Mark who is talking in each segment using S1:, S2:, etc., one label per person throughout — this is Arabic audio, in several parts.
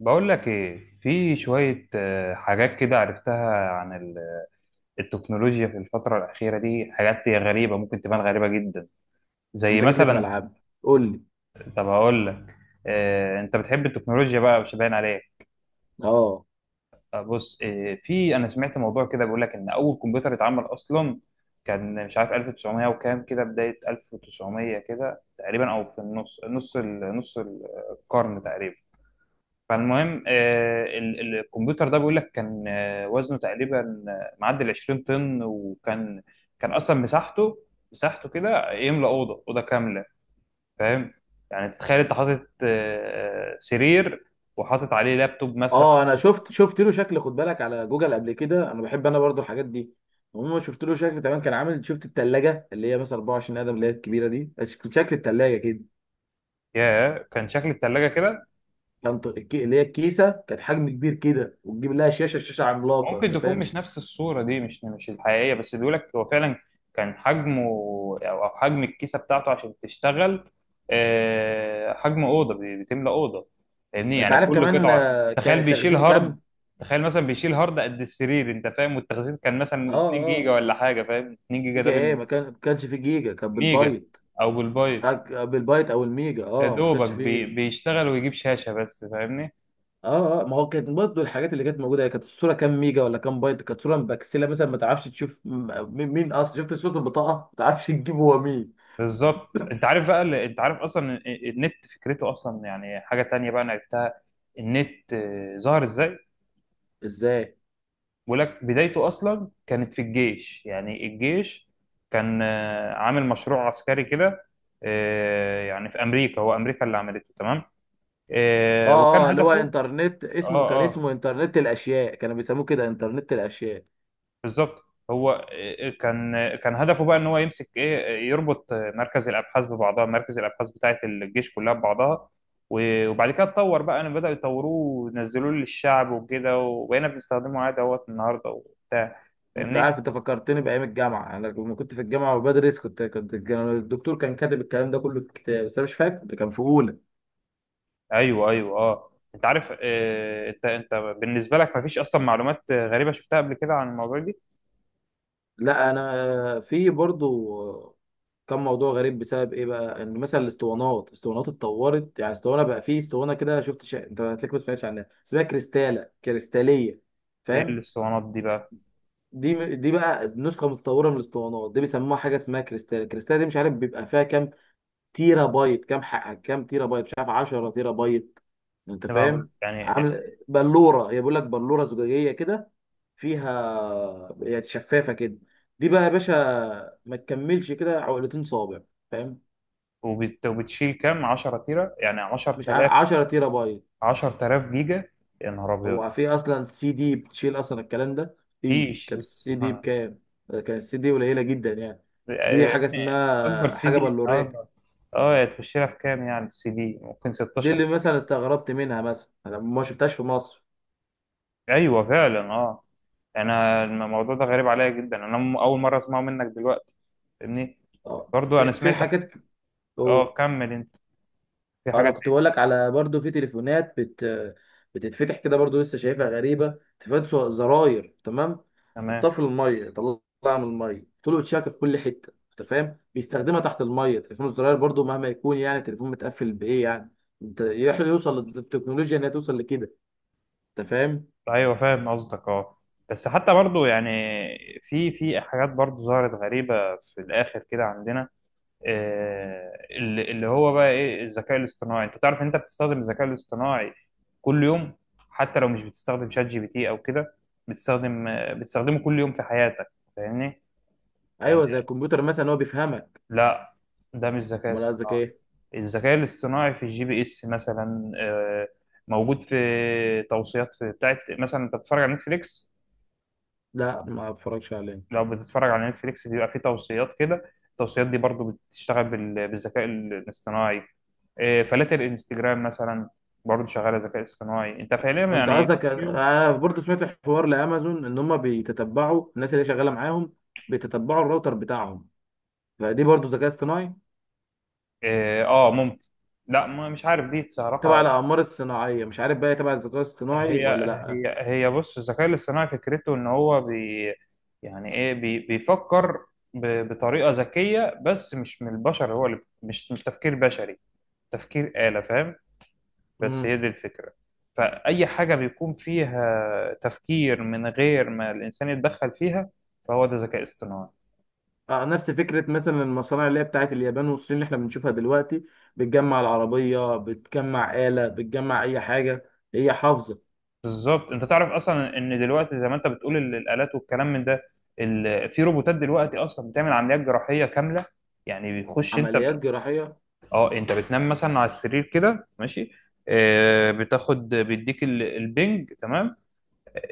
S1: بقول لك ايه؟ في شوية حاجات كده عرفتها عن التكنولوجيا في الفترة الأخيرة دي. حاجات هي غريبة، ممكن تبان غريبة جدا. زي
S2: انت جيت لي في
S1: مثلا،
S2: ملعب، قول لي.
S1: طب هقول لك. انت بتحب التكنولوجيا بقى؟ مش باين عليك.
S2: لا، اه.
S1: بص، آه، في انا سمعت موضوع كده بيقول لك ان اول كمبيوتر اتعمل اصلا كان، مش عارف 1900 وكام، كده بداية 1900 كده تقريبا، او في النص، نص القرن تقريبا. فالمهم الكمبيوتر ده بيقول لك كان وزنه تقريبا معدي ال 20 طن. وكان اصلا مساحته كده يملى اوضه كامله. فاهم؟ يعني تتخيل انت حاطط سرير وحاطط عليه لابتوب مثلا.
S2: اه، انا شفت له شكل، خد بالك على جوجل قبل كده. انا بحب، انا برضو الحاجات دي. المهم، شفت له شكل. تمام، كان عامل، شفت التلاجة اللي هي مثلا 24 قدم اللي هي الكبيره دي. شكل التلاجة كده.
S1: يا كان شكل الثلاجه كده.
S2: كان اللي هي الكيسه، كانت حجم كبير كده، وتجيب لها شاشه عملاقه.
S1: ممكن
S2: انت
S1: تكون
S2: فاهم؟
S1: مش نفس الصورة دي، مش الحقيقية، بس بيقولك هو فعلا كان حجمه، أو حجم الكيسة بتاعته عشان تشتغل، حجم أوضة، بتملى أوضة. فاهمني؟
S2: انت
S1: يعني
S2: عارف
S1: كل
S2: كمان،
S1: قطعة
S2: كان
S1: تخيل بيشيل
S2: التخزين
S1: هارد.
S2: كام؟
S1: تخيل مثلا بيشيل هارد قد السرير. أنت فاهم؟ والتخزين كان
S2: اه.
S1: مثلا 2 جيجا
S2: اه.
S1: ولا حاجة. فاهم؟ 2 جيجا ده
S2: جيجا ايه؟
S1: بالنسبة،
S2: ما كانش فيه جيجا، كان
S1: ميجا
S2: بالبايت.
S1: أو بالبايت.
S2: بالبايت او الميجا،
S1: يا
S2: اه ما
S1: دوبك
S2: كانش فيه.
S1: بيشتغل ويجيب شاشة بس. فاهمني؟
S2: اه، اه، ما هو كانت برضه الحاجات اللي كانت موجوده، هي كانت الصوره كام ميجا ولا كام بايت. كانت صوره مبكسله مثلا، ما تعرفش تشوف مين اصلا. شفت صوره البطاقه ما تعرفش تجيب هو مين.
S1: بالظبط. انت عارف بقى، اللي انت عارف اصلا النت فكرته اصلا، يعني حاجه تانية بقى انا عرفتها. النت ظهر ازاي؟
S2: ازاي؟
S1: بقول لك بدايته اصلا كانت في الجيش. يعني الجيش كان عامل مشروع عسكري كده. يعني في امريكا، هو امريكا اللي عملته، تمام؟ وكان
S2: اه، اه، اللي هو
S1: هدفه.
S2: انترنت، اسمه كان
S1: اه اه،
S2: اسمه انترنت الاشياء، كانوا بيسموه كده، انترنت الاشياء.
S1: بالظبط. هو كان هدفه بقى، ان هو يمسك ايه، يربط مركز الابحاث ببعضها، مركز الابحاث بتاعه الجيش كلها ببعضها. وبعد كده اتطور بقى، ان بداوا يطوروه ونزلوه للشعب وكده، وبقينا بنستخدمه عادي اهوت النهارده وبتاع.
S2: انت
S1: فاهمني؟
S2: عارف، انت فكرتني بايام الجامعه. انا لما كنت في الجامعه وبدرس، كنت كنت كان الدكتور كان كاتب الكلام ده كله في كتاب، بس انا مش فاكر ده كان في اولى.
S1: ايوه ايوه اه. انت عارف انت بالنسبه لك مفيش اصلا معلومات غريبه شفتها قبل كده عن الموضوع دي؟
S2: لا، انا في برضه. كان موضوع غريب، بسبب ايه بقى؟ ان مثلا الاسطوانات اتطورت. يعني اسطوانه بقى، فيه اسطوانه كده، شفت انت هتلاقيك ما سمعتش عنها، اسمها كريستاله كريستاليه.
S1: ايه
S2: فاهم؟
S1: الاسطوانات دي بقى؟
S2: دي بقى نسخه متطوره من الاسطوانات دي، بيسموها حاجه اسمها كريستاله. الكريستاله دي مش عارف بيبقى فيها كام تيرا بايت، كام، حق كام تيرا بايت. مش عارف، 10 تيرا بايت. انت
S1: طبعاً
S2: فاهم؟
S1: يعني.
S2: عامل بلوره، هي بيقول لك بلوره زجاجيه كده، فيها، هي شفافه كده. دي بقى يا باشا، ما تكملش كده، عقلتين صابع. فاهم؟
S1: وبتشيل كام، 10 تيره يعني،
S2: مش عارف،
S1: 10,000
S2: 10 تيرا بايت.
S1: 10,000 جيجا. يا نهار ابيض!
S2: هو في اصلا سي دي بتشيل اصلا الكلام ده؟ مفيش.
S1: مفيش؟
S2: كانت السي دي بكام؟ كانت السي دي قليله جدا يعني. دي
S1: آه،
S2: حاجه
S1: يعني اكبر
S2: اسمها
S1: سي
S2: حاجه
S1: دي
S2: بلوريه.
S1: النهارده، اه تخش لها في كام يعني؟ السي دي ممكن
S2: دي
S1: 16
S2: اللي
S1: جيجا.
S2: مثلا استغربت منها، مثلا انا ما شفتهاش في مصر.
S1: ايوه فعلا اه. انا الموضوع ده غريب عليا جدا، انا اول مره اسمعه منك دلوقتي. فاهمني؟
S2: اه،
S1: برضو
S2: في
S1: انا
S2: في
S1: سمعت
S2: حاجات.
S1: اه
S2: اوه
S1: كمل انت. في حاجه
S2: انا كنت بقول
S1: تانية؟
S2: لك على، برضو في تليفونات بتتفتح كده، برضو لسه شايفها غريبه، تليفونات زراير. تمام،
S1: تمام.
S2: حطها في الميه، طلعها من الميه، طول شاكه في كل حته. انت فاهم؟ بيستخدمها تحت الميه، تليفون الزراير برضو مهما يكون يعني، تليفون متقفل بايه يعني؟ يوصل للتكنولوجيا انها توصل لكده. انت فاهم؟
S1: ايوه فاهم قصدك اه. بس حتى برضو يعني في حاجات برضو ظهرت غريبه في الاخر كده عندنا. اللي هو بقى ايه؟ الذكاء الاصطناعي. انت تعرف ان انت بتستخدم الذكاء الاصطناعي كل يوم؟ حتى لو مش بتستخدم شات جي بي تي او كده، بتستخدمه كل يوم في حياتك. فاهمني؟ يعني.
S2: ايوه، زي الكمبيوتر مثلا هو بيفهمك.
S1: لا، ده مش ذكاء
S2: امال قصدك
S1: اصطناعي.
S2: ايه؟
S1: الذكاء الاصطناعي في الجي بي اس مثلا، موجود في توصيات في بتاعت مثلا. انت بتتفرج على نتفليكس؟
S2: لا، ما اتفرجش عليه.
S1: لو بتتفرج على نتفليكس بيبقى في توصيات كده. التوصيات دي برضو بتشتغل بالذكاء الاصطناعي. إيه، فلاتر انستجرام مثلا برضه شغاله ذكاء اصطناعي. انت فعليا
S2: انت
S1: يعني
S2: قصدك؟
S1: كل يوم.
S2: انا برضه سمعت حوار لامازون ان هم بيتتبعوا الناس اللي شغاله معاهم، بيتتبعوا الراوتر بتاعهم، فدي برضه ذكاء اصطناعي.
S1: اه ممكن. لا، مش عارف دي
S2: تبع
S1: صراحه.
S2: الاقمار الصناعيه مش عارف بقى، هي تبع الذكاء الاصطناعي
S1: هي
S2: ولا لا.
S1: هي بص، الذكاء الاصطناعي فكرته ان هو يعني ايه، بيفكر بطريقه ذكيه، بس مش من البشر هو، اللي مش تفكير بشري، تفكير آلة. فاهم؟ بس
S2: امم
S1: هي دي الفكره. فاي حاجه بيكون فيها تفكير من غير ما الانسان يتدخل فيها، فهو ده ذكاء اصطناعي.
S2: آه، نفس فكره مثلا المصانع اللي هي بتاعت اليابان والصين اللي احنا بنشوفها دلوقتي، بتجمع العربيه، بتجمع آلة، بتجمع اي حاجه هي حافظه.
S1: بالظبط. انت تعرف اصلا ان دلوقتي، زي ما انت بتقول، الالات والكلام من ده، في روبوتات دلوقتي اصلا بتعمل عمليات جراحيه كامله. يعني بتخش انت
S2: عمليات جراحيه؟
S1: اه. انت بتنام مثلا على السرير كده ماشي، بتاخد بيديك البنج، تمام؟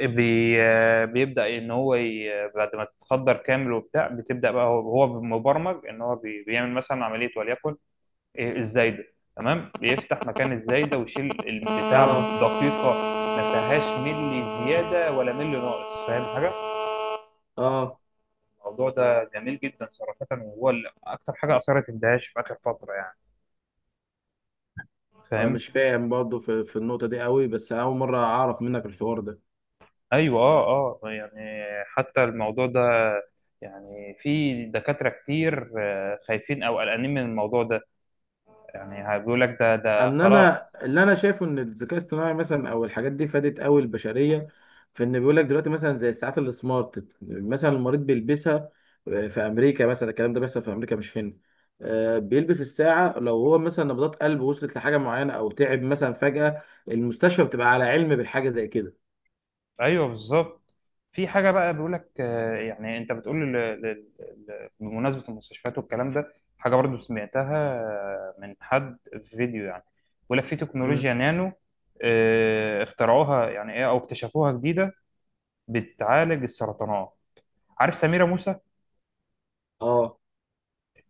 S1: آه، بي... آه، بيبدا ان هو ي... بعد ما تتخدر كامل وبتاع، بتبدا بقى. هو مبرمج ان هو بيعمل مثلا عمليه، وليكن إيه، الزايده. تمام؟ بيفتح مكان الزايده ويشيل البتاع
S2: اه.
S1: بدقيقه، ما فيهاش ملي زياده ولا ملي ناقص. فاهم حاجه؟
S2: اه.
S1: الموضوع ده جميل جدا صراحه، وهو اللي اكتر حاجه اثرت اندهاش في اخر فتره يعني.
S2: انا
S1: فاهم؟
S2: مش فاهم برضه في النقطه دي قوي، بس اول مره اعرف منك الحوار ده.
S1: ايوه اه اه. يعني حتى الموضوع ده، يعني في دكاتره كتير خايفين او قلقانين من الموضوع ده، يعني بيقول لك ده
S2: ان
S1: خلاص.
S2: انا، اللي انا شايفه ان الذكاء الاصطناعي مثلا او الحاجات دي فادت قوي البشريه، في ان بيقول لك دلوقتي مثلا زي الساعات السمارت، مثلا المريض بيلبسها، في امريكا مثلا، الكلام ده بيحصل في امريكا مش هنا. بيلبس الساعه، لو هو مثلا نبضات قلبه وصلت لحاجه معينه او تعب مثلا فجاه، المستشفى بتبقى على علم بالحاجه زي كده.
S1: ايوه بالظبط. في حاجه بقى بيقول لك يعني انت بتقول بمناسبه المستشفيات والكلام ده، حاجه برضو سمعتها من حد في فيديو يعني. بيقول لك في
S2: مم.
S1: تكنولوجيا نانو اخترعوها يعني، ايه او اكتشفوها جديده، بتعالج السرطانات. عارف سميره موسى؟
S2: اه،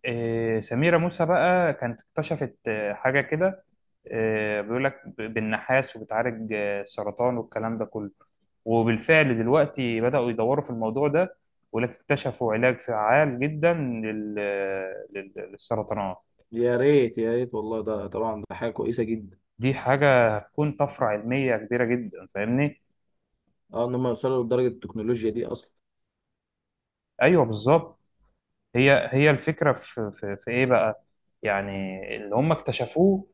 S1: سميره موسى بقى كانت اكتشفت حاجه كده، بيقول لك بالنحاس، وبتعالج السرطان والكلام ده كله. وبالفعل دلوقتي بدأوا يدوروا في الموضوع ده، ولكن اكتشفوا علاج فعال جدا للسرطانات.
S2: يا ريت يا ريت والله، ده طبعا ده حاجه كويسه جدا.
S1: دي حاجة هتكون طفرة علمية كبيرة جدا، فاهمني؟
S2: اه، ان هم يوصلوا لدرجه التكنولوجيا دي اصلا.
S1: أيوه بالظبط. هي الفكرة في إيه بقى؟ يعني اللي هم اكتشفوه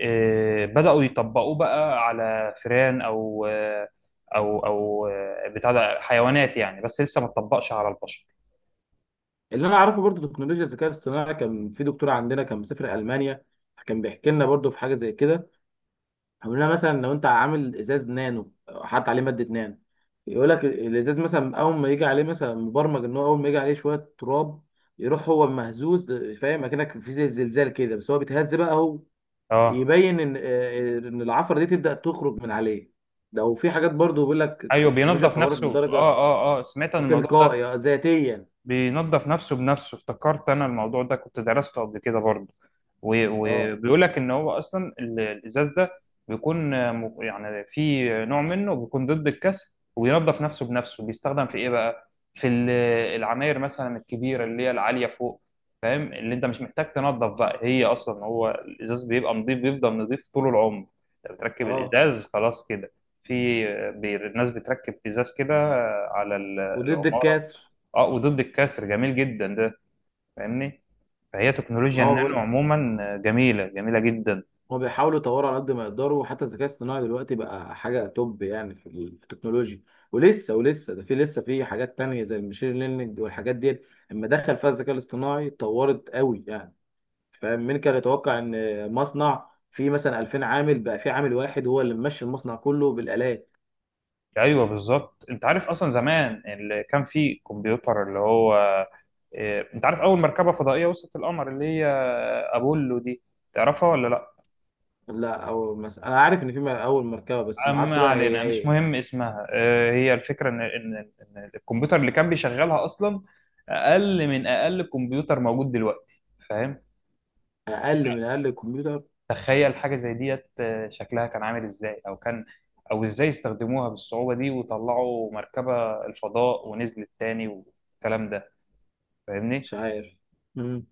S1: بدأوا يطبقوه بقى على فئران، أو أو بتاع ده حيوانات يعني، بس لسه ما اتطبقش على البشر.
S2: اللي انا اعرفه برضو تكنولوجيا الذكاء الاصطناعي، كان في دكتور عندنا كان مسافر المانيا، كان بيحكي لنا برضو في حاجه زي كده. بيقول لنا مثلا، لو انت عامل ازاز نانو، حاطط عليه ماده نانو، يقول لك الازاز مثلا اول ما يجي عليه، مثلا مبرمج ان هو اول ما يجي عليه شويه تراب، يروح هو مهزوز. فاهم؟ اكنك في زي زلزال كده، بس هو بيتهز بقى هو،
S1: اه
S2: يبين ان ان العفره دي تبدا تخرج من عليه. ده، وفي حاجات برضو بيقول لك
S1: ايوه،
S2: التكنولوجيا
S1: بينظف
S2: اتطورت
S1: نفسه. اه
S2: لدرجه
S1: اه اه سمعت عن الموضوع ده.
S2: تلقائيه ذاتيا.
S1: بينظف نفسه بنفسه، افتكرت انا الموضوع ده كنت درسته قبل كده برضه.
S2: اه.
S1: وبيقول لك ان هو اصلا الازاز ده بيكون يعني في نوع منه بيكون ضد الكسر وبينظف نفسه بنفسه. بيستخدم في ايه بقى؟ في العماير مثلا الكبيره اللي هي العاليه فوق. فاهم؟ اللي انت مش محتاج تنظف بقى، هي اصلا هو الازاز بيبقى نظيف، بيفضل نظيف طول العمر. انت بتركب
S2: اه.
S1: الازاز خلاص كده. في الناس بتركب ازاز كده على
S2: وضد
S1: العمارة.
S2: الكسر.
S1: اه وضد الكسر، جميل جدا ده. فاهمني؟ فهي تكنولوجيا
S2: ما هو
S1: النانو
S2: بقول،
S1: عموما جميله، جميله جدا.
S2: هو بيحاولوا يطوروا على قد ما يقدروا. وحتى الذكاء الاصطناعي دلوقتي بقى حاجة توب يعني، في في التكنولوجيا. ولسه ده لسه في حاجات تانية زي المشين ليرنينج والحاجات ديت، اما دخل فيها الذكاء الاصطناعي اتطورت قوي يعني. فاهم؟ مين كان يتوقع ان مصنع فيه مثلا 2000 عامل بقى في عامل واحد هو اللي ممشي المصنع كله بالآلات.
S1: ايوه بالظبط. انت عارف اصلا زمان، اللي كان فيه كمبيوتر اللي هو إيه، انت عارف اول مركبه فضائيه وصلت القمر اللي هي ابولو دي؟ تعرفها ولا لا؟
S2: لا، او مثلا انا عارف ان في اول مركبة، بس ما اعرفش
S1: ما
S2: بقى
S1: علينا،
S2: هي
S1: مش
S2: ايه.
S1: مهم اسمها. هي الفكره، ان إن الكمبيوتر اللي كان بيشغلها اصلا اقل من اقل كمبيوتر موجود دلوقتي. فاهم؟
S2: اقل من اقل الكمبيوتر.
S1: تخيل حاجة زي ديت، شكلها كان عامل ازاي، او ازاي استخدموها بالصعوبة دي، وطلعوا مركبة الفضاء ونزلت تاني والكلام ده.
S2: مش
S1: فاهمني؟
S2: عارف. مم.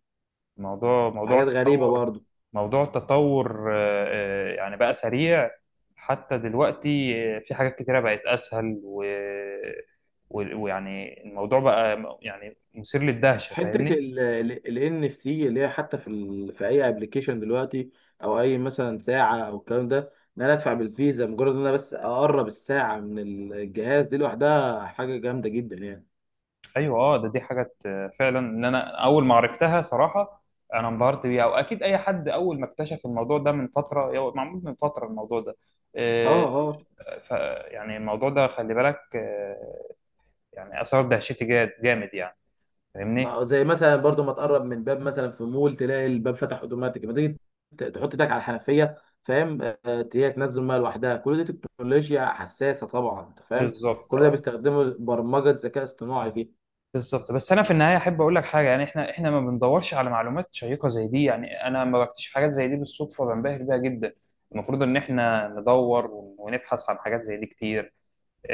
S1: موضوع موضوع
S2: حاجات غريبة
S1: التطور
S2: برضه.
S1: موضوع التطور يعني بقى سريع. حتى دلوقتي في حاجات كتيرة بقت اسهل، ويعني الموضوع بقى يعني مثير
S2: في
S1: للدهشة.
S2: حته
S1: فاهمني؟
S2: ال NFC، اللي هي حتى في في اي ابلكيشن دلوقتي، او اي مثلا ساعه او الكلام ده، ان انا ادفع بالفيزا، مجرد ان انا بس اقرب الساعه من الجهاز، دي لوحدها حاجه جامده جدا يعني.
S1: ايوه اه. ده دي حاجه فعلا، ان انا اول ما عرفتها صراحه، انا انبهرت بيها. واكيد اي حد اول ما اكتشف الموضوع ده من فتره، هو معمول من فتره الموضوع ده.
S2: اه.
S1: آه،
S2: اه.
S1: ف يعني الموضوع ده خلي بالك، يعني اثار دهشتي جامد يعني. فاهمني؟
S2: زي مثلا برضو، ما تقرب من باب مثلا في مول تلاقي الباب فتح اوتوماتيك، ما تيجي تحط ايدك على الحنفيه، فاهم؟ هي تنزل ميه لوحدها. كل دي تكنولوجيا حساسه طبعا، انت فاهم؟
S1: بالظبط
S2: كل ده
S1: اه
S2: بيستخدموا برمجه ذكاء اصطناعي فيه.
S1: بالظبط. بس انا في النهايه احب اقول لك حاجه، يعني احنا ما بندورش على معلومات شيقه زي دي. يعني انا لما بكتشف حاجات زي دي بالصدفه بنبهر بيها جدا. المفروض ان احنا ندور ونبحث عن حاجات زي دي كتير.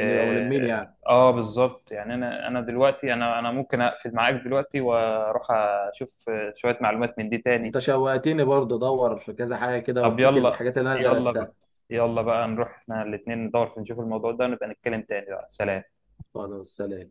S2: نبقى ملمين يعني.
S1: بالظبط. يعني انا دلوقتي انا ممكن اقفل معاك دلوقتي واروح اشوف شوية معلومات من دي تاني.
S2: انت شوقتني، برضه ادور في كذا حاجه كده
S1: طب
S2: وافتكر
S1: يلا.
S2: الحاجات اللي انا
S1: يلا بقى،
S2: درستها.
S1: يلا بقى نروح احنا الاتنين ندور، في نشوف الموضوع ده، ونبقى نتكلم تاني بقى. سلام.
S2: خلاص، سلام.